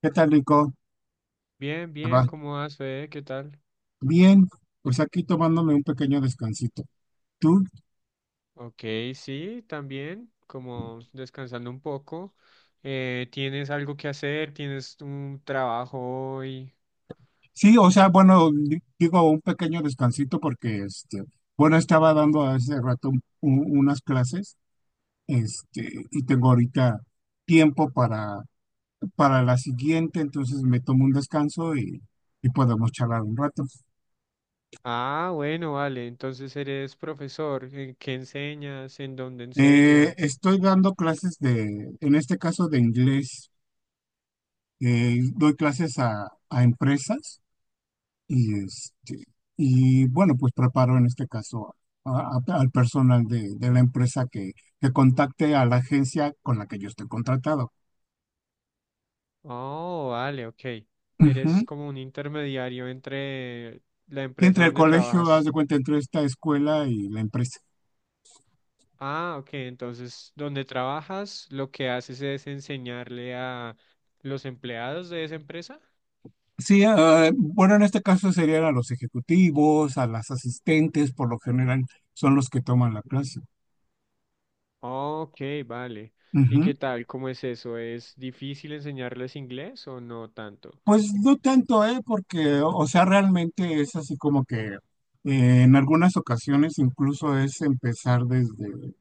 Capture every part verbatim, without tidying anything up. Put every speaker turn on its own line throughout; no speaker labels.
¿Qué tal, Nico?
Bien,
¿Te va?
bien, ¿cómo vas, Fede? ¿Qué tal?
Bien, pues aquí tomándome un pequeño descansito. ¿Tú?
Ok, sí, también, como descansando un poco. Eh, ¿tienes algo que hacer? ¿Tienes un trabajo hoy?
Sí, o sea, bueno, di- digo un pequeño descansito porque, este, bueno, estaba dando hace rato un- un- unas clases, este, y tengo ahorita tiempo para, para la siguiente, entonces me tomo un descanso y, y podemos charlar un rato.
Ah, bueno, vale, entonces eres profesor. ¿En ¿Qué enseñas? ¿En dónde
Eh,
enseñas?
estoy dando clases de, en este caso de inglés, eh, doy clases a a empresas. Y, este, y bueno, pues preparo en este caso a- a- al personal de, de la empresa que, que contacte a la agencia con la que yo estoy contratado.
Oh, vale, ok. Eres
Ujú.
como un intermediario entre la empresa
Entre el
donde
colegio, haz
trabajas.
de cuenta, entre esta escuela y la empresa.
Ah, ok, entonces donde trabajas, lo que haces es enseñarle a los empleados de esa empresa.
Sí, ah, bueno, en este caso serían a los ejecutivos, a las asistentes, por lo general son los que toman la clase.
Ok, vale. ¿Y qué
Ujú.
tal? ¿Cómo es eso? ¿Es difícil enseñarles inglés o no tanto?
Pues no tanto, ¿eh? Porque, o sea, realmente es así como que eh, en algunas ocasiones incluso es empezar desde,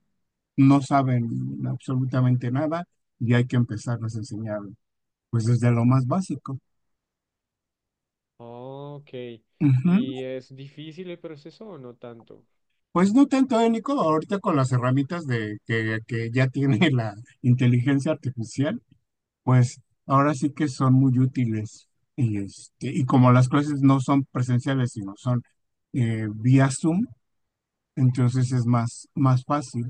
no saben absolutamente nada y hay que empezarles a enseñar, pues desde lo más básico.
Ok.
Ujú.
¿Y es difícil el proceso o no tanto?
Pues no tanto, eh, Nico, ahorita con las herramientas de que, que ya tiene la inteligencia artificial, pues ahora sí que son muy útiles. Y, este, y como las clases no son presenciales, sino son eh, vía Zoom, entonces es más, más fácil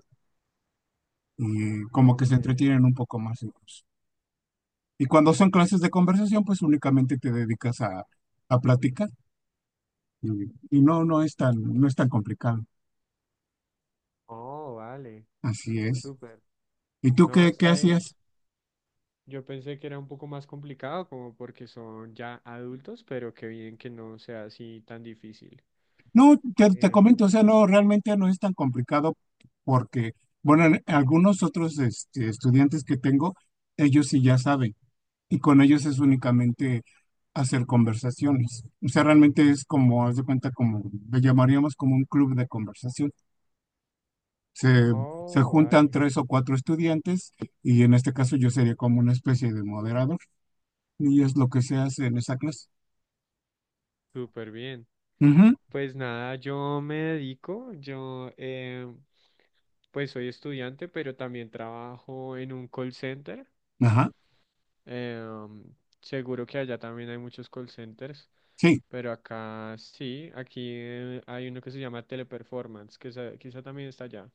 y como que se
Ok.
entretienen un poco más ellos. Y cuando son clases de conversación, pues únicamente te dedicas a, a platicar. Y y no, no es tan, no es tan complicado.
Oh, vale.
Así es.
Súper.
¿Y tú
No,
qué, qué
está bien.
hacías?
Yo pensé que era un poco más complicado, como porque son ya adultos, pero qué bien que no sea así tan difícil.
No, te, te comento,
Em,
o sea, no, realmente no es tan complicado porque, bueno, en- algunos otros este, estudiantes que tengo, ellos sí ya saben y con ellos es únicamente hacer conversaciones. O sea, realmente es como, haz de cuenta, como le llamaríamos como un club de conversación. Se, se
oh,
juntan
vale.
tres o cuatro estudiantes y en este caso yo sería como una especie de moderador y es lo que se hace en esa clase.
Súper bien.
Ujú.
Pues nada, yo me dedico, yo eh, pues soy estudiante, pero también trabajo en un call center.
Ajá,
Eh, seguro que allá también hay muchos call centers,
sí,
pero acá sí, aquí eh, hay uno que se llama Teleperformance, que sa- quizá también está allá.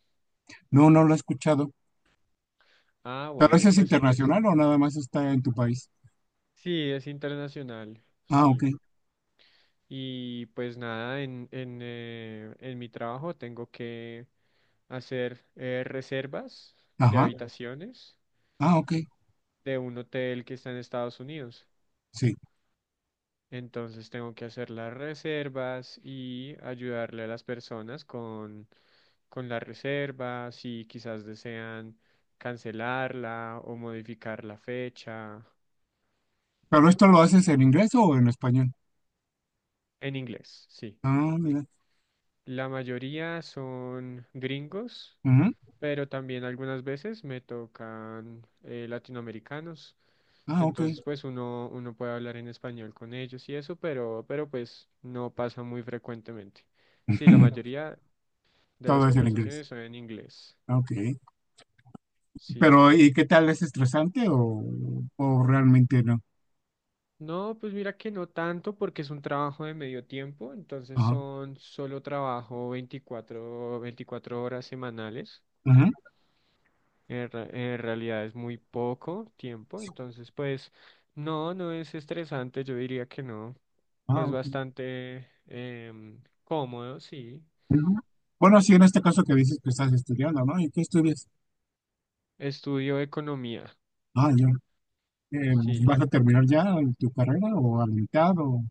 no, no lo he escuchado.
Ah,
¿Pero
bueno,
ese es
pues en es-
internacional o nada más está en tu país?
sí, es internacional,
Ah, ok,
sí. Y pues nada, en, en, eh, en mi trabajo tengo que hacer eh, reservas de
ajá,
habitaciones
ah, ok,
de un hotel que está en Estados Unidos.
sí.
Entonces tengo que hacer las reservas y ayudarle a las personas con, con la reserva, si quizás desean cancelarla o modificar la fecha.
¿Pero esto lo haces en inglés o en español?
En inglés, sí.
Ah, mira,
La mayoría son gringos,
ujú,
pero también algunas veces me tocan eh, latinoamericanos.
ah, ok.
Entonces, pues uno, uno puede hablar en español con ellos y eso, pero, pero pues no pasa muy frecuentemente. Sí, la mayoría de las
Todo es en inglés,
conversaciones son en inglés.
ok.
Sí.
¿Pero y qué tal, es estresante o, o realmente no?
No, pues mira que no tanto porque es un trabajo de medio tiempo, entonces
Ajá,
son solo trabajo veinticuatro veinticuatro horas semanales.
ujú,
En, re- en realidad es muy poco tiempo, entonces pues no, no es estresante, yo diría que no.
ah,
Es
ok,
bastante em, cómodo, sí.
ujú. Bueno, sí, en este caso que dices que estás estudiando, ¿no? ¿Y qué estudias?
Estudio economía,
Ah, ya, eh,
sí.
¿vas a terminar ya tu carrera o a la mitad o...?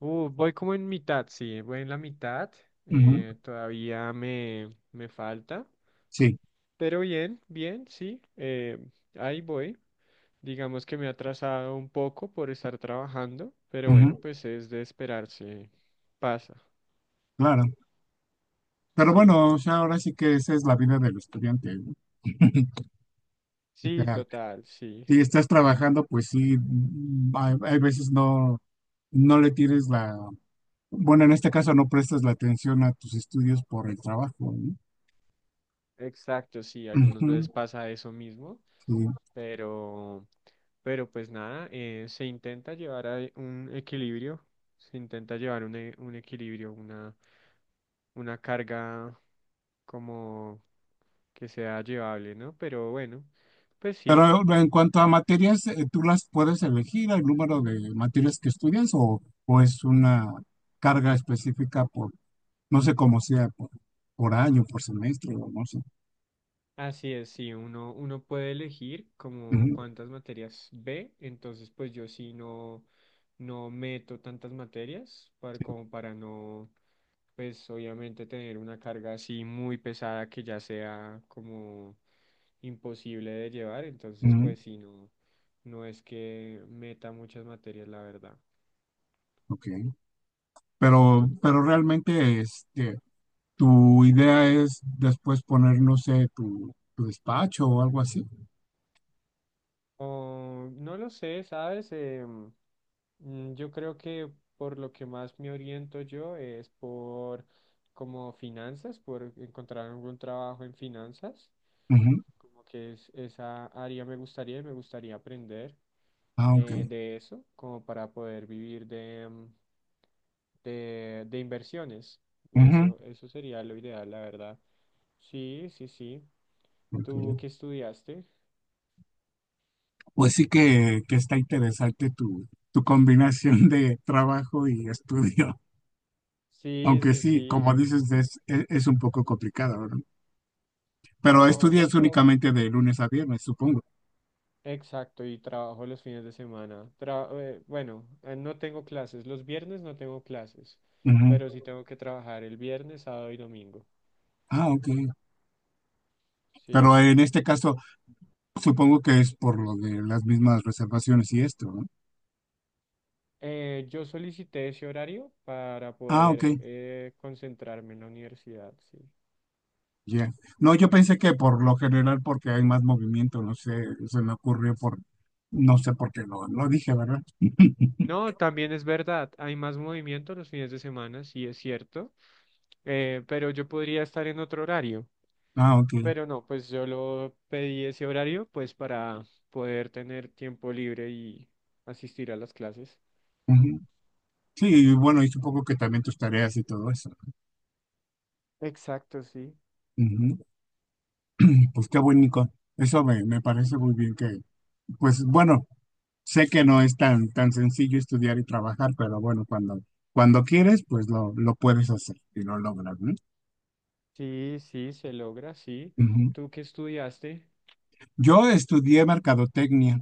Uh, voy como en mitad, sí, voy en la mitad.
Ujú.
eh, todavía me, me falta,
Sí.
pero bien, bien, sí. eh, ahí voy. Digamos que me ha atrasado un poco por estar trabajando, pero bueno,
Ujú,
pues es de esperarse. Pasa,
claro. Pero
sí.
bueno, o sea, ahora sí que esa es la vida del estudiante, ¿no? O
Sí,
sea,
total, sí.
si estás trabajando, pues sí, mm, hay, hay veces no, no le tienes la, bueno, en este caso no prestas la atención a tus estudios por el trabajo, ¿no?
Exacto, sí. Algunas
Ujú,
veces pasa eso mismo.
sí.
Pero, pero pues nada, eh, se intenta llevar a e, un equilibrio, se intenta llevar un, e- un equilibrio, una, una carga como que sea llevable, ¿no? Pero bueno, pues sí,
Pero en cuanto a materias, eh, ¿tú las puedes elegir el número de materias que estudias o, o es una carga específica por, no sé cómo sea, por, por año, por semestre o no sé?
así es, sí, uno, uno puede elegir como
Ujú,
cuántas materias ve, entonces pues yo sí no, no meto tantas materias para, como para no, pues obviamente tener una carga así muy pesada que ya sea como imposible de llevar. Entonces,
ujú,
pues sí, no, no es que meta muchas materias, la verdad.
ok.
Sí,
Pero,
total.
pero realmente, este, tu idea es después poner, no sé, tu, tu despacho o algo así.
O, no lo sé, ¿sabes? Em, Mm, Yo creo que por lo que más me oriento yo es por como finanzas, por encontrar algún trabajo en finanzas,
Ujú.
como que es, esa área me gustaría y me gustaría aprender
Ah,
eh,
ok.
de eso, como para poder vivir de, mm, de, de inversiones.
Ujú,
Eso, eso sería lo ideal, la verdad. Sí, sí, sí. ¿Tú
ok.
qué estudiaste?
Pues sí que, que está interesante tu, tu combinación de trabajo y estudio.
Sí,
Aunque
sí,
sí,
sí.
como dices, es, es, es un poco complicado, ¿verdad? Pero
Oh, un
estudias
poco.
únicamente de lunes a viernes, supongo.
Exacto, y trabajo los fines de semana. Tra- eh, bueno, eh, no tengo clases. Los viernes no tengo clases,
Ujú.
pero sí tengo que trabajar el viernes, sábado y domingo.
Ah, ok. Pero
Sí.
en este caso, supongo que es por lo de las mismas reservaciones y esto, ¿no?
Eh, yo solicité ese horario para
Ah, ok.
poder eh, concentrarme en la universidad, sí.
Ya. No, yo pensé que por lo general porque hay más movimiento, no sé, se me ocurrió por, no sé por qué lo, lo dije, ¿verdad?
No, también es verdad, hay más movimiento los fines de semana, sí es cierto, eh, pero yo podría estar en otro horario.
Ah, ok.
Pero no, pues yo lo pedí ese horario pues para poder tener tiempo libre y asistir a las clases.
Ujú. Sí, y bueno, y supongo que también tus tareas y todo eso.
Exacto, sí.
Ujú. Y pues qué bonito. Eso me, me parece muy bien que, pues bueno, sé que no es tan, tan sencillo estudiar y trabajar, pero bueno, cuando, cuando quieres, pues lo, lo puedes hacer y lo logras, ¿no?
Sí, sí, se logra, sí.
Ujú.
¿Tú qué estudiaste?
Yo estudié mercadotecnia.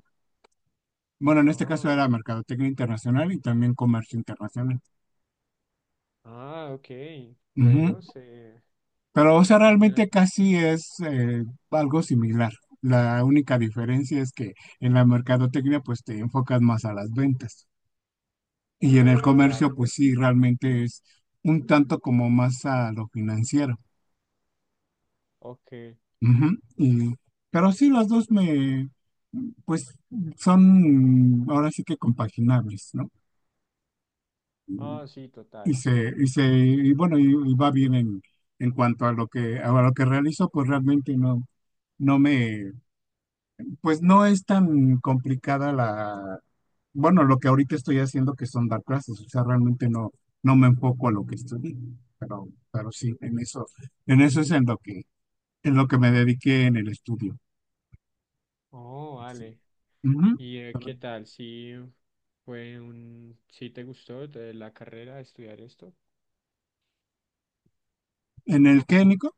Bueno, en este caso
Ah,
era mercadotecnia internacional y también comercio internacional.
ah, ok.
Ujú.
Bueno, se
Pero, o sea,
tiene
realmente casi es eh, algo similar. La única diferencia es que en la mercadotecnia pues te enfocas más a las ventas y en el comercio
claro.
pues sí, realmente es un tanto como más a lo financiero.
Ok.
Ujú. Y- pero sí, las dos me pues son ahora sí que compaginables, ¿no?
Ah, sí, total,
Y se,
sí.
y se, y bueno, y, y va bien en, en cuanto a lo que, a lo que realizo, pues realmente no, no me, pues no es tan complicada la, bueno, lo que ahorita estoy haciendo que son dar clases, o sea, realmente no, no me enfoco a lo que estudié, pero, pero, sí, en eso, en eso es en lo que, en lo que me dediqué en el estudio.
Oh,
Sí.
vale.
Ujú.
¿Y eh, qué tal? Sí, fue un, ¿sí te gustó de la carrera estudiar esto?
¿En el qué, Nico?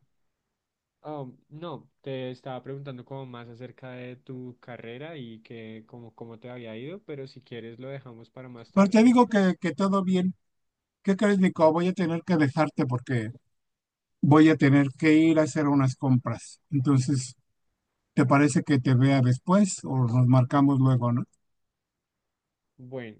Oh, no, te estaba preguntando como más acerca de tu carrera y que como cómo te había ido, pero si quieres lo dejamos para más
Pues te
tarde.
digo que, que todo bien. ¿Qué crees, Nico? Voy a tener que dejarte porque voy a tener que ir a hacer unas compras. Entonces, ¿te parece que te vea después o nos marcamos luego, no?
Bueno,